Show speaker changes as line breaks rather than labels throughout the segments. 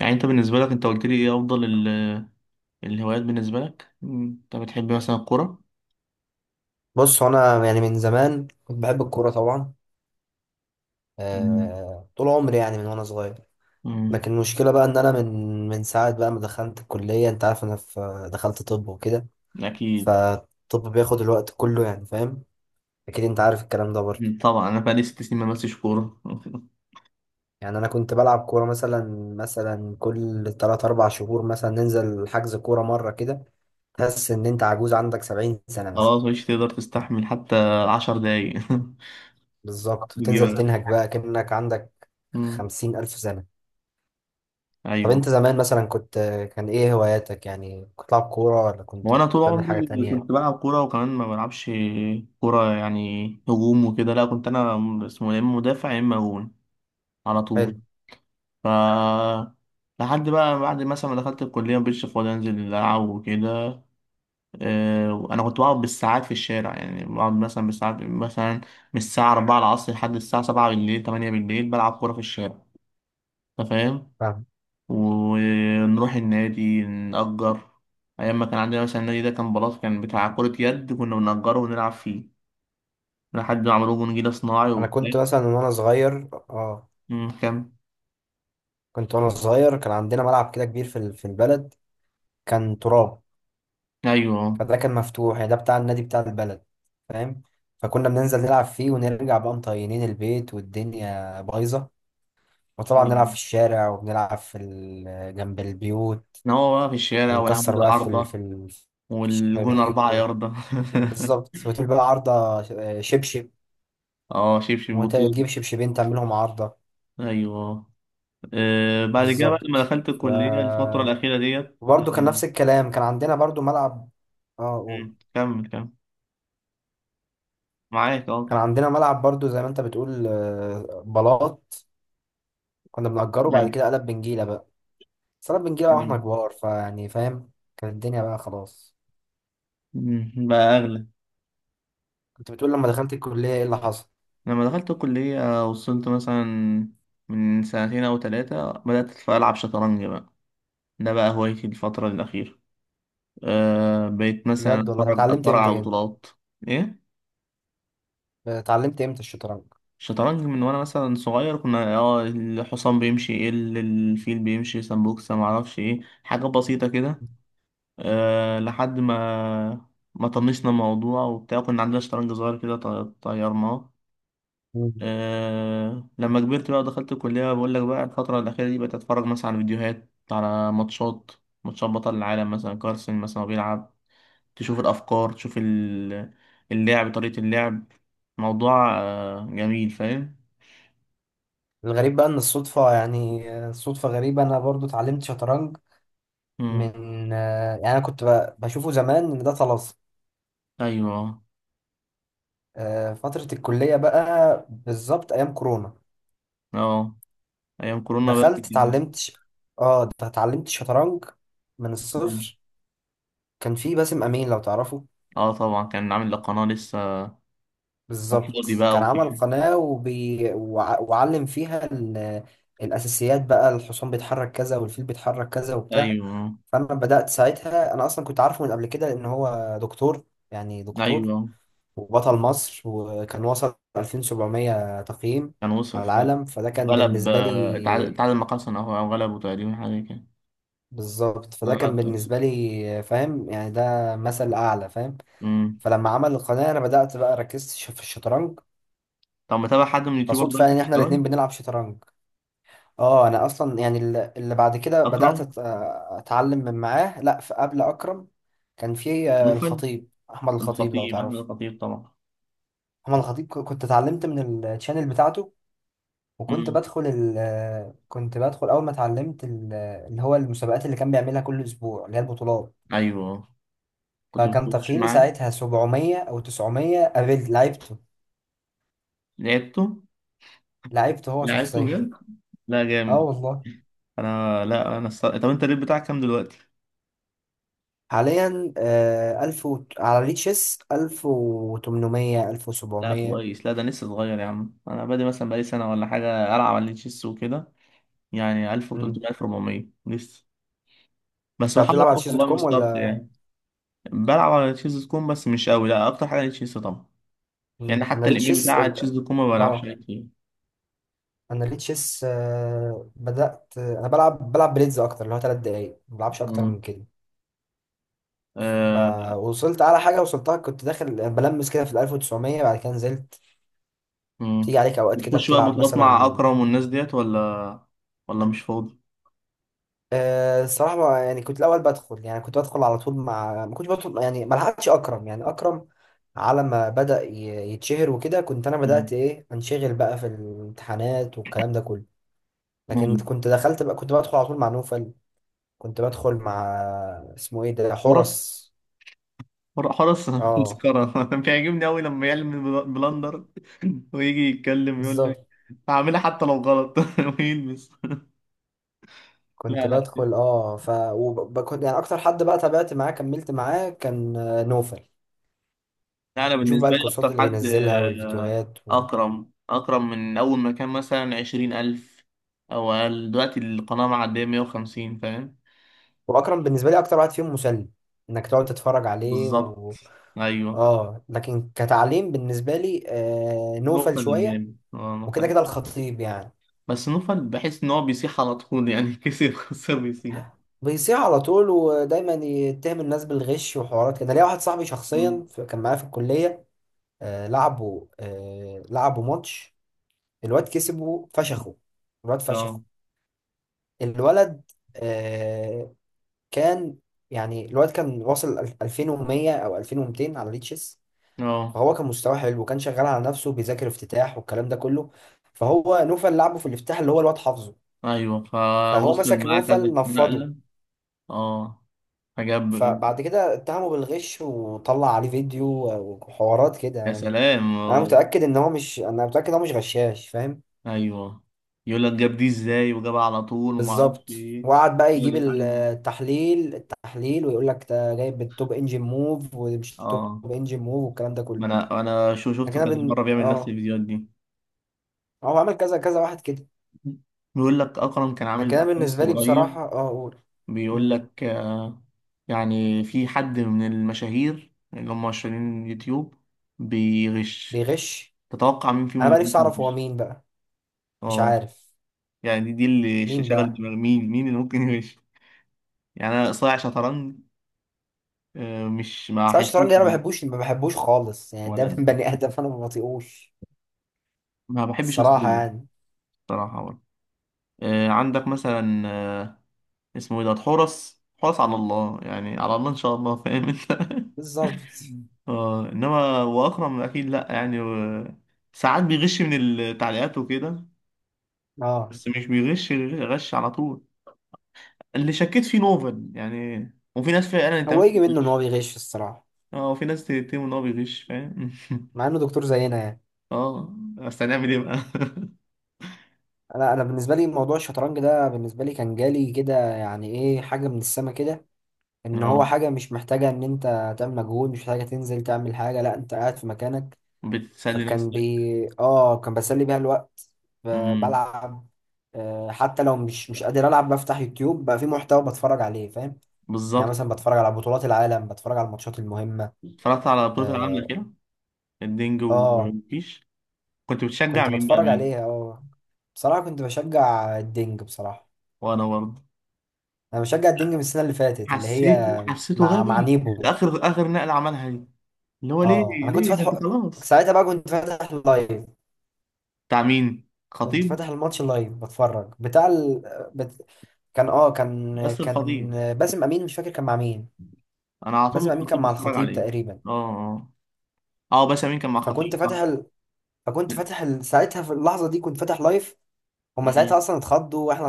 يعني انت بالنسبة لك، انت قلت لي ايه افضل الهوايات بالنسبة لك، انت بتحب مثلا الكورة؟
بص، هو انا يعني من زمان كنت بحب الكوره طبعا.
تمام.
آه، طول عمري يعني من وانا صغير.
مم.
لكن المشكله بقى ان انا من ساعه بقى ما دخلت الكليه. انت عارف انا دخلت طب وكده،
اكيد.
فالطب بياخد الوقت كله، يعني فاهم. اكيد انت عارف الكلام ده برضه.
طبعا انا بقالي 6 سنين ما بمسش كورة
يعني انا كنت بلعب كوره مثلا كل 3 4 شهور مثلا، ننزل حجز كوره مره كده. تحس ان انت عجوز عندك 70 سنه مثلا.
خلاص مش تقدر تستحمل حتى 10 دقايق
بالظبط، وتنزل
بيجيبك.
تنهج بقى كأنك عندك
مم.
50 ألف سنة. طب
ايوه،
انت زمان مثلا كنت، كان ايه هواياتك؟ يعني كنت بتلعب كورة ولا كنت
وانا
كنت
طول
بتعمل حاجة
عمري
تانية؟
كنت بلعب كورة، وكمان ما بلعبش كورة يعني هجوم وكده، لا كنت انا اسمه يا اما مدافع يا اما جون على طول.
حلو.
ف لحد بقى بعد مثلا ما دخلت الكلية مبقتش فاضي أنزل ألعب وكده. وانا كنت بقعد بالساعات في الشارع، يعني بقعد مثلا بالساعات، مثلا من الساعه 4 العصر لحد الساعه 7 بالليل، 8 بالليل بلعب كوره في الشارع، انت فاهم؟
فاهم.
ونروح النادي نأجر، ايام ما كان عندنا مثلا النادي ده كان بلاط، كان بتاع كره يد، كنا بنأجره ونلعب فيه لحد ما عملوه جون جديد صناعي
انا
وبتاع.
كنت مثلا وانا صغير، اه،
كم.
كنت وانا صغير كان عندنا ملعب كده كبير في البلد، كان تراب.
ايوه.
فده كان مفتوح، يعني ده بتاع النادي بتاع البلد، فاهم. فكنا بننزل نلعب فيه ونرجع بقى مطينين البيت والدنيا بايظة. وطبعا نلعب في
أيوة.
الشارع، وبنلعب جنب البيوت،
كان هو بقى في الشارع،
ونكسر
والعمود
بقى
العارضه،
في
والجون
الشبابيك
اربعه يارده
بالظبط. وتقول بقى عارضة شبشب،
اه شبشب بطوله.
وتجيب شبشبين تعملهم عارضة.
ايوه. بعد كده، بعد ما
بالظبط.
دخلت
ف...
الكلية الفترة الأخيرة ديت.
وبرضه كان نفس الكلام، كان عندنا برضه ملعب. اه قول.
كمل كمل، معاك،
كان
كمل.
عندنا ملعب برضه زي ما انت بتقول، آه، بلاط، كنا بنأجره. بعد
أيوة.
كده قلب بنجيلة بقى. بس قلب بنجيلة واحنا
أيوة.
كبار، فيعني فاهم. كانت الدنيا بقى خلاص.
بقى أغلى.
كنت بتقول لما دخلت الكلية ايه اللي حصل.
لما دخلت الكلية وصلت مثلا، من سنتين أو ثلاثة بدأت ألعب شطرنج بقى، ده بقى هوايتي الفترة الأخيرة. بقيت مثلا
بجد والله؟ طب
أتفرج
اتعلمت
أتفرج
امتى
على
كده؟
بطولات. إيه؟
اتعلمت امتى الشطرنج؟
شطرنج من وأنا مثلا صغير، كنا الحصان بيمشي ايه، الفيل بيمشي سمبوكسة، معرفش ايه، حاجة بسيطة كده. لحد ما طنشنا الموضوع وبتاع، كنا عندنا شطرنج صغير كده، طيرناه.
مم.
لما كبرت بقى ودخلت الكلية، بقول لك بقى الفترة الأخيرة دي بقيت أتفرج مثلا على فيديوهات، على ماتشات، ماتشات بطل العالم مثلا، كارسن مثلا وهو بيلعب، تشوف الأفكار، تشوف اللعب، طريقة اللعب، موضوع جميل، فاهم؟
الغريب بقى ان الصدفة، يعني آه، صدفة غريبة، انا برضو اتعلمت شطرنج
مم.
من، آه، يعني انا كنت بشوفه زمان ان ده طلاسم.
أيوه.
آه، فترة الكلية بقى بالظبط ايام كورونا.
اه، أيام كورونا بقى
دخلت
كنت كده.
اتعلمت ش- اه ده اتعلمت شطرنج من
مم.
الصفر. كان في باسم امين لو تعرفه.
اه طبعا، كان عامل القناة لسه على
بالظبط،
الفاضي بقى
كان عمل
وكده.
قناة وعلم فيها ال... الاساسيات بقى، الحصان بيتحرك كذا والفيل بيتحرك كذا وبتاع.
ايوه.
فانا بدأت ساعتها، انا اصلا كنت عارفه من قبل كده، لان هو دكتور يعني، دكتور
ايوه
وبطل مصر، وكان وصل 2700 تقييم
كان وصل
على
فعلا،
العالم. فده كان
وغلب،
بالنسبة
اتعادل
لي،
اتعادل مع حسن اهو، او غلبه تقريبا حاجه كده.
بالظبط، فده
غلب
كان
حسن.
بالنسبة لي، فاهم يعني، ده مثل أعلى، فاهم.
امم.
فلما عمل القناة أنا بدأت بقى ركزت في الشطرنج.
طب متابع حد من اليوتيوبر
فصدفة
دلوقتي
يعني إن
في
إحنا
الشطرنج؟
الاتنين بنلعب شطرنج. أه أنا أصلا يعني اللي بعد كده بدأت
اكرم.
أتعلم من معاه. لأ، في قبل أكرم كان في، آه،
نوفل.
الخطيب، أحمد الخطيب لو
الخطيب، احمد
تعرفه.
الخطيب طبعا.
أحمد الخطيب كنت اتعلمت من التشانل بتاعته. وكنت
امم.
بدخل ال كنت بدخل أول ما اتعلمت ال-، اللي هو المسابقات اللي كان بيعملها كل أسبوع، اللي هي البطولات.
ايوه، كنت
فكان
بتخش
تقييمي
معاه.
ساعتها 700 أو 900. قابلت لعبته،
لعبته.
لعبته هو
لعبته
شخصيا.
جد؟ لا
اه
جامد.
والله.
انا، لا، طب انت الريت بتاعك كام دلوقتي؟
حاليا، آه، 1000 و... على ريتشيس 1800
لا
1700.
كويس، لا ده لسه صغير يا عم، انا بادئ مثلا بقالي سنه ولا حاجه العب على التشيس وكده، يعني
مم.
1300، 1400 لسه، بس
انت
بحاول
بتلعب على
اطور
شيز دوت
والله من
كوم ولا؟
مستواي. بلعب على تشيز دوت كوم بس مش قوي، لا اكتر حاجه على تشيز طبعا. يعني
مم. انا
حتى الايميل
ريتشيس
بتاع تشيز
ال...
دوت كوم ما بلعبش
اه،
عليه كتير.
انا ريتشيس، آه، بدأت انا بلعب بليدز اكتر، اللي هو 3 دقايق ما بلعبش اكتر
مم.
من كده.
آه.
فوصلت على حاجة وصلتها، كنت داخل بلمس كده في ال 1900، بعد كده نزلت.
مم.
بتيجي عليك أوقات كده
بتخش بقى
بتلعب
بطولات مع
مثلا.
اكرم والناس ديت، ولا مش فاضي.
آه، الصراحة بقى، يعني كنت الأول بدخل، يعني كنت بدخل على طول، مع ما كنتش بدخل يعني، ما لحقتش أكرم، يعني أكرم على ما بدأ يتشهر وكده كنت أنا
مم.
بدأت إيه، أنشغل بقى في الامتحانات والكلام ده كله. لكن
مم.
كنت دخلت بقى، كنت بدخل على طول مع نوفل. كنت بدخل مع، اسمه إيه ده،
حرس.
حورس.
حرس.
أه،
مسكرة، أنا بيعجبني أوي لما يعلم بلندر. ويجي يتكلم يقول لك
بالظبط.
هعملها حتى لو غلط ويلبس. لا
كنت
لا
بدخل، اه، ف، وكنت يعني اكتر حد بقى تابعت معاه كملت معاه كان، آه، نوفل.
لا، أنا
بشوف بقى
بالنسبة لي
الكورسات
أكتر
اللي
حد،
بينزلها والفيديوهات و...
أكرم. أكرم من أول ما كان مثلا 20 ألف أو أقل، دلوقتي القناة معدية 150، فاهم؟
واكرم بالنسبه لي اكتر واحد فيهم مسلي، انك تقعد تتفرج عليه
بالظبط.
و...
أيوه.
اه، لكن كتعليم بالنسبه لي، آه، نوفل
نوفل
شويه،
الجامد،
وكده
نوفل.
كده الخطيب يعني.
بس نوفل بحس إن هو بيسيح على طول يعني كسب خسر بيسيح.
بيصيح على طول، ودايما يتهم الناس بالغش وحوارات كده. ليا واحد صاحبي
مم.
شخصيا كان معايا في الكليه، آه، لعبوا ماتش. الواد كسبه فشخه، الواد
اه،
فشخه. الولد، آه، كان، يعني الولد كان واصل ال- 2100 او 2200 على ريتشس.
اه،
فهو كان مستواه حلو، وكان شغال على نفسه بيذاكر افتتاح والكلام ده كله. فهو نوفل لعبه في الافتتاح اللي هو الواد حافظه.
أيوه،
فهو
فوصل
مسك
معاه كذا
نوفل نفضه.
نقلة. اه، فجاب.
فبعد كده اتهمه بالغش، وطلع عليه فيديو وحوارات كده
يا
يعني.
سلام،
انا
آه.
متاكد ان هو مش، انا متاكد ان هو مش غشاش، فاهم.
أيوه. يقول لك جاب دي إزاي، وجابها على طول، ومعرفش
بالظبط.
إيه.
وقعد بقى
هو
يجيب
دي حل.
التحليل، ويقول لك ده جايب بالتوب انجن موف ومش توب
اه،
انجن موف والكلام ده
ما
كله.
انا شو
لكن
شفته كذا
انا بن...،
مره بيعمل نفس
اه،
الفيديوهات دي.
هو عمل كذا كذا واحد كده.
بيقول لك اكرم كان عامل
لكن انا
بودكاست
بالنسبه لي
قريب.
بصراحه، اه، اقول،
بيقول
مم،
لك. يعني في حد من المشاهير اللي هم مشهورين يوتيوب بيغش،
بيغش.
تتوقع مين فيهم
انا
اللي
بقى نفسي
ممكن
اعرف هو
يغش؟
مين بقى. مش
اه.
عارف
يعني دي اللي
مين
شغل
بقى.
دماغ، مين اللي ممكن يغش. يعني انا صايع شطرنج. مش ما
بس أنا الشطرنج
حسيتش
ده انا ما
بيه.
بحبوش ما بحبوش خالص، يعني ده
ولا انا،
بني ادم انا ما بطيقوش،
ما بحبش
الصراحه
اسلوبه
يعني.
بصراحه برضه. عندك مثلا، اسمه ايه ده حورس، حورس على الله يعني، على الله ان شاء الله، فاهم انت؟
بالظبط.
اه انما واكرم اكيد لا يعني ساعات بيغش من التعليقات وكده،
اه،
بس مش بيغش غش على طول. اللي شكيت فيه نوفل يعني، وفي ناس فعلا انت
هو يجي منه ان هو
بتغش.
بيغش الصراحه،
اه، وفي ناس تتهم ان هو بيغش فاهم
مع انه دكتور زينا يعني.
اه بس هنعمل ايه بقى
انا بالنسبه لي موضوع الشطرنج ده بالنسبه لي كان جالي كده، يعني ايه، حاجه من السما كده. ان هو
اه،
حاجه مش محتاجه ان انت تعمل مجهود، مش محتاجه تنزل تعمل حاجه، لا انت قاعد في مكانك.
بتسلي
فكان
نفسك.
بي، اه، كان بسلي بيها الوقت،
امم.
بلعب. آه، حتى لو مش قادر العب بفتح يوتيوب بقى، في محتوى بتفرج عليه، فاهم. يعني
بالظبط.
مثلا بتفرج على بطولات العالم، بتفرج على الماتشات المهمه.
اتفرجت على بطولة العالم
اه.
الأخيرة، الدنج
آه،
وكيش؟ كنت بتشجع
كنت
مين بقى؟
بتفرج عليها، اه. بصراحه كنت بشجع الدنج، بصراحه.
وانا برضه.
انا بشجع الدنج من السنه اللي فاتت، اللي هي
حسيته
مع
غبي،
نيبو.
اخر اخر نقله عملها دي، اللي هو ليه
اه. انا كنت
ليه يعني؟ انت
فاتحه
خلاص.
ساعتها بقى، كنت فاتح لايف.
بتاع مين،
كنت
خطيب؟
فاتح الماتش لايف بتفرج بتاع ال... بت... كان اه كان
بس
كان
الخطيب،
باسم امين، مش فاكر كان مع مين.
انا على طول
باسم امين كان
الخطيب
مع
بتفرج
الخطيب
عليه.
تقريبا.
اه. اه. اه، باشا مين كان مع
فكنت
خطيب،
فاتح
صح؟
ال... فكنت فاتح ال... ساعتها في اللحظه دي كنت فاتح لايف. هما ساعتها
مم.
اصلا اتخضوا، واحنا،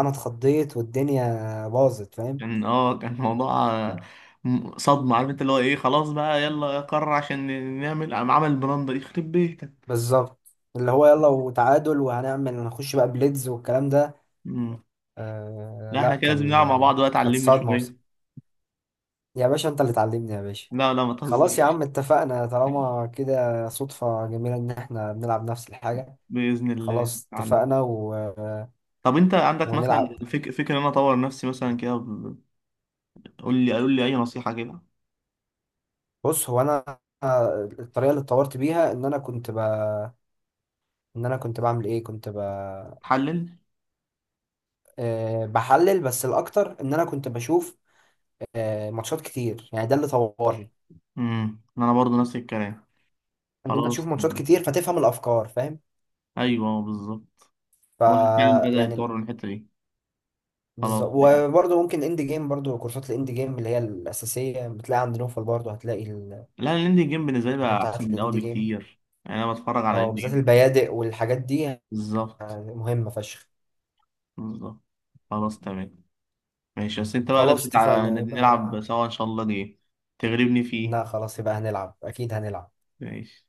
انا اتخضيت والدنيا باظت، فاهم.
كان موضوع، صدمه عارف انت، اللي هو ايه، خلاص بقى يلا يا قرر عشان نعمل، قام عمل البراندة دي يخرب بيتك.
بالظبط. اللي هو يلا، وتعادل، وهنعمل، هنخش بقى بليدز والكلام ده.
مم.
آه
لا
لا،
احنا كده لازم
كان،
نلعب مع
آه،
بعض بقى،
كانت
تعلمني
صعد موسم.
شويه.
يا باشا انت اللي تعلمني يا باشا.
لا لا، ما
خلاص يا
تهزرش.
عم اتفقنا، طالما كده صدفة جميلة ان احنا بنلعب نفس الحاجة.
بإذن الله
خلاص
تعلم.
اتفقنا و...
طب انت عندك مثلا
ونلعب.
فكرة ان انا اطور نفسي مثلا كده، قول لي قول لي اي نصيحة كده.
بص، هو انا، آه، الطريقة اللي اتطورت بيها ان انا كنت ب...، ان انا كنت بعمل ايه، كنت ب...،
حلل.
آه بحلل. بس الاكتر ان انا كنت بشوف، آه، ماتشات كتير، يعني ده اللي طورني.
امم، انا برضو نفس الكلام.
ان انت تشوف
خلاص.
ماتشات كتير فتفهم الافكار، فاهم.
ايوه بالظبط،
ف،
الواحد فعلا بدأ يتطور
يعني،
من الحتة دي. خلاص،
بالظبط. وبرضه ممكن اند جيم، برضه كورسات الاند جيم اللي هي الاساسيه بتلاقي عند نوفل، برضه هتلاقي
لا الاندي جيم بالنسبة لي
الحاجات
بقى احسن
بتاعت
من
الاند
الاول
جيم،
بكتير. يعني انا بتفرج على
اه،
الاندي
بالذات
جيم.
البيادق والحاجات دي،
بالظبط.
آه، مهمه فشخ.
بالظبط. خلاص تمام ماشي. بس انت بقى
خلاص
لازم
اتفقنا
نلعب
يبقى.
سوا ان شاء الله جيم، تغلبني فيه.
لا خلاص يبقى هنلعب، اكيد هنلعب.
ماشي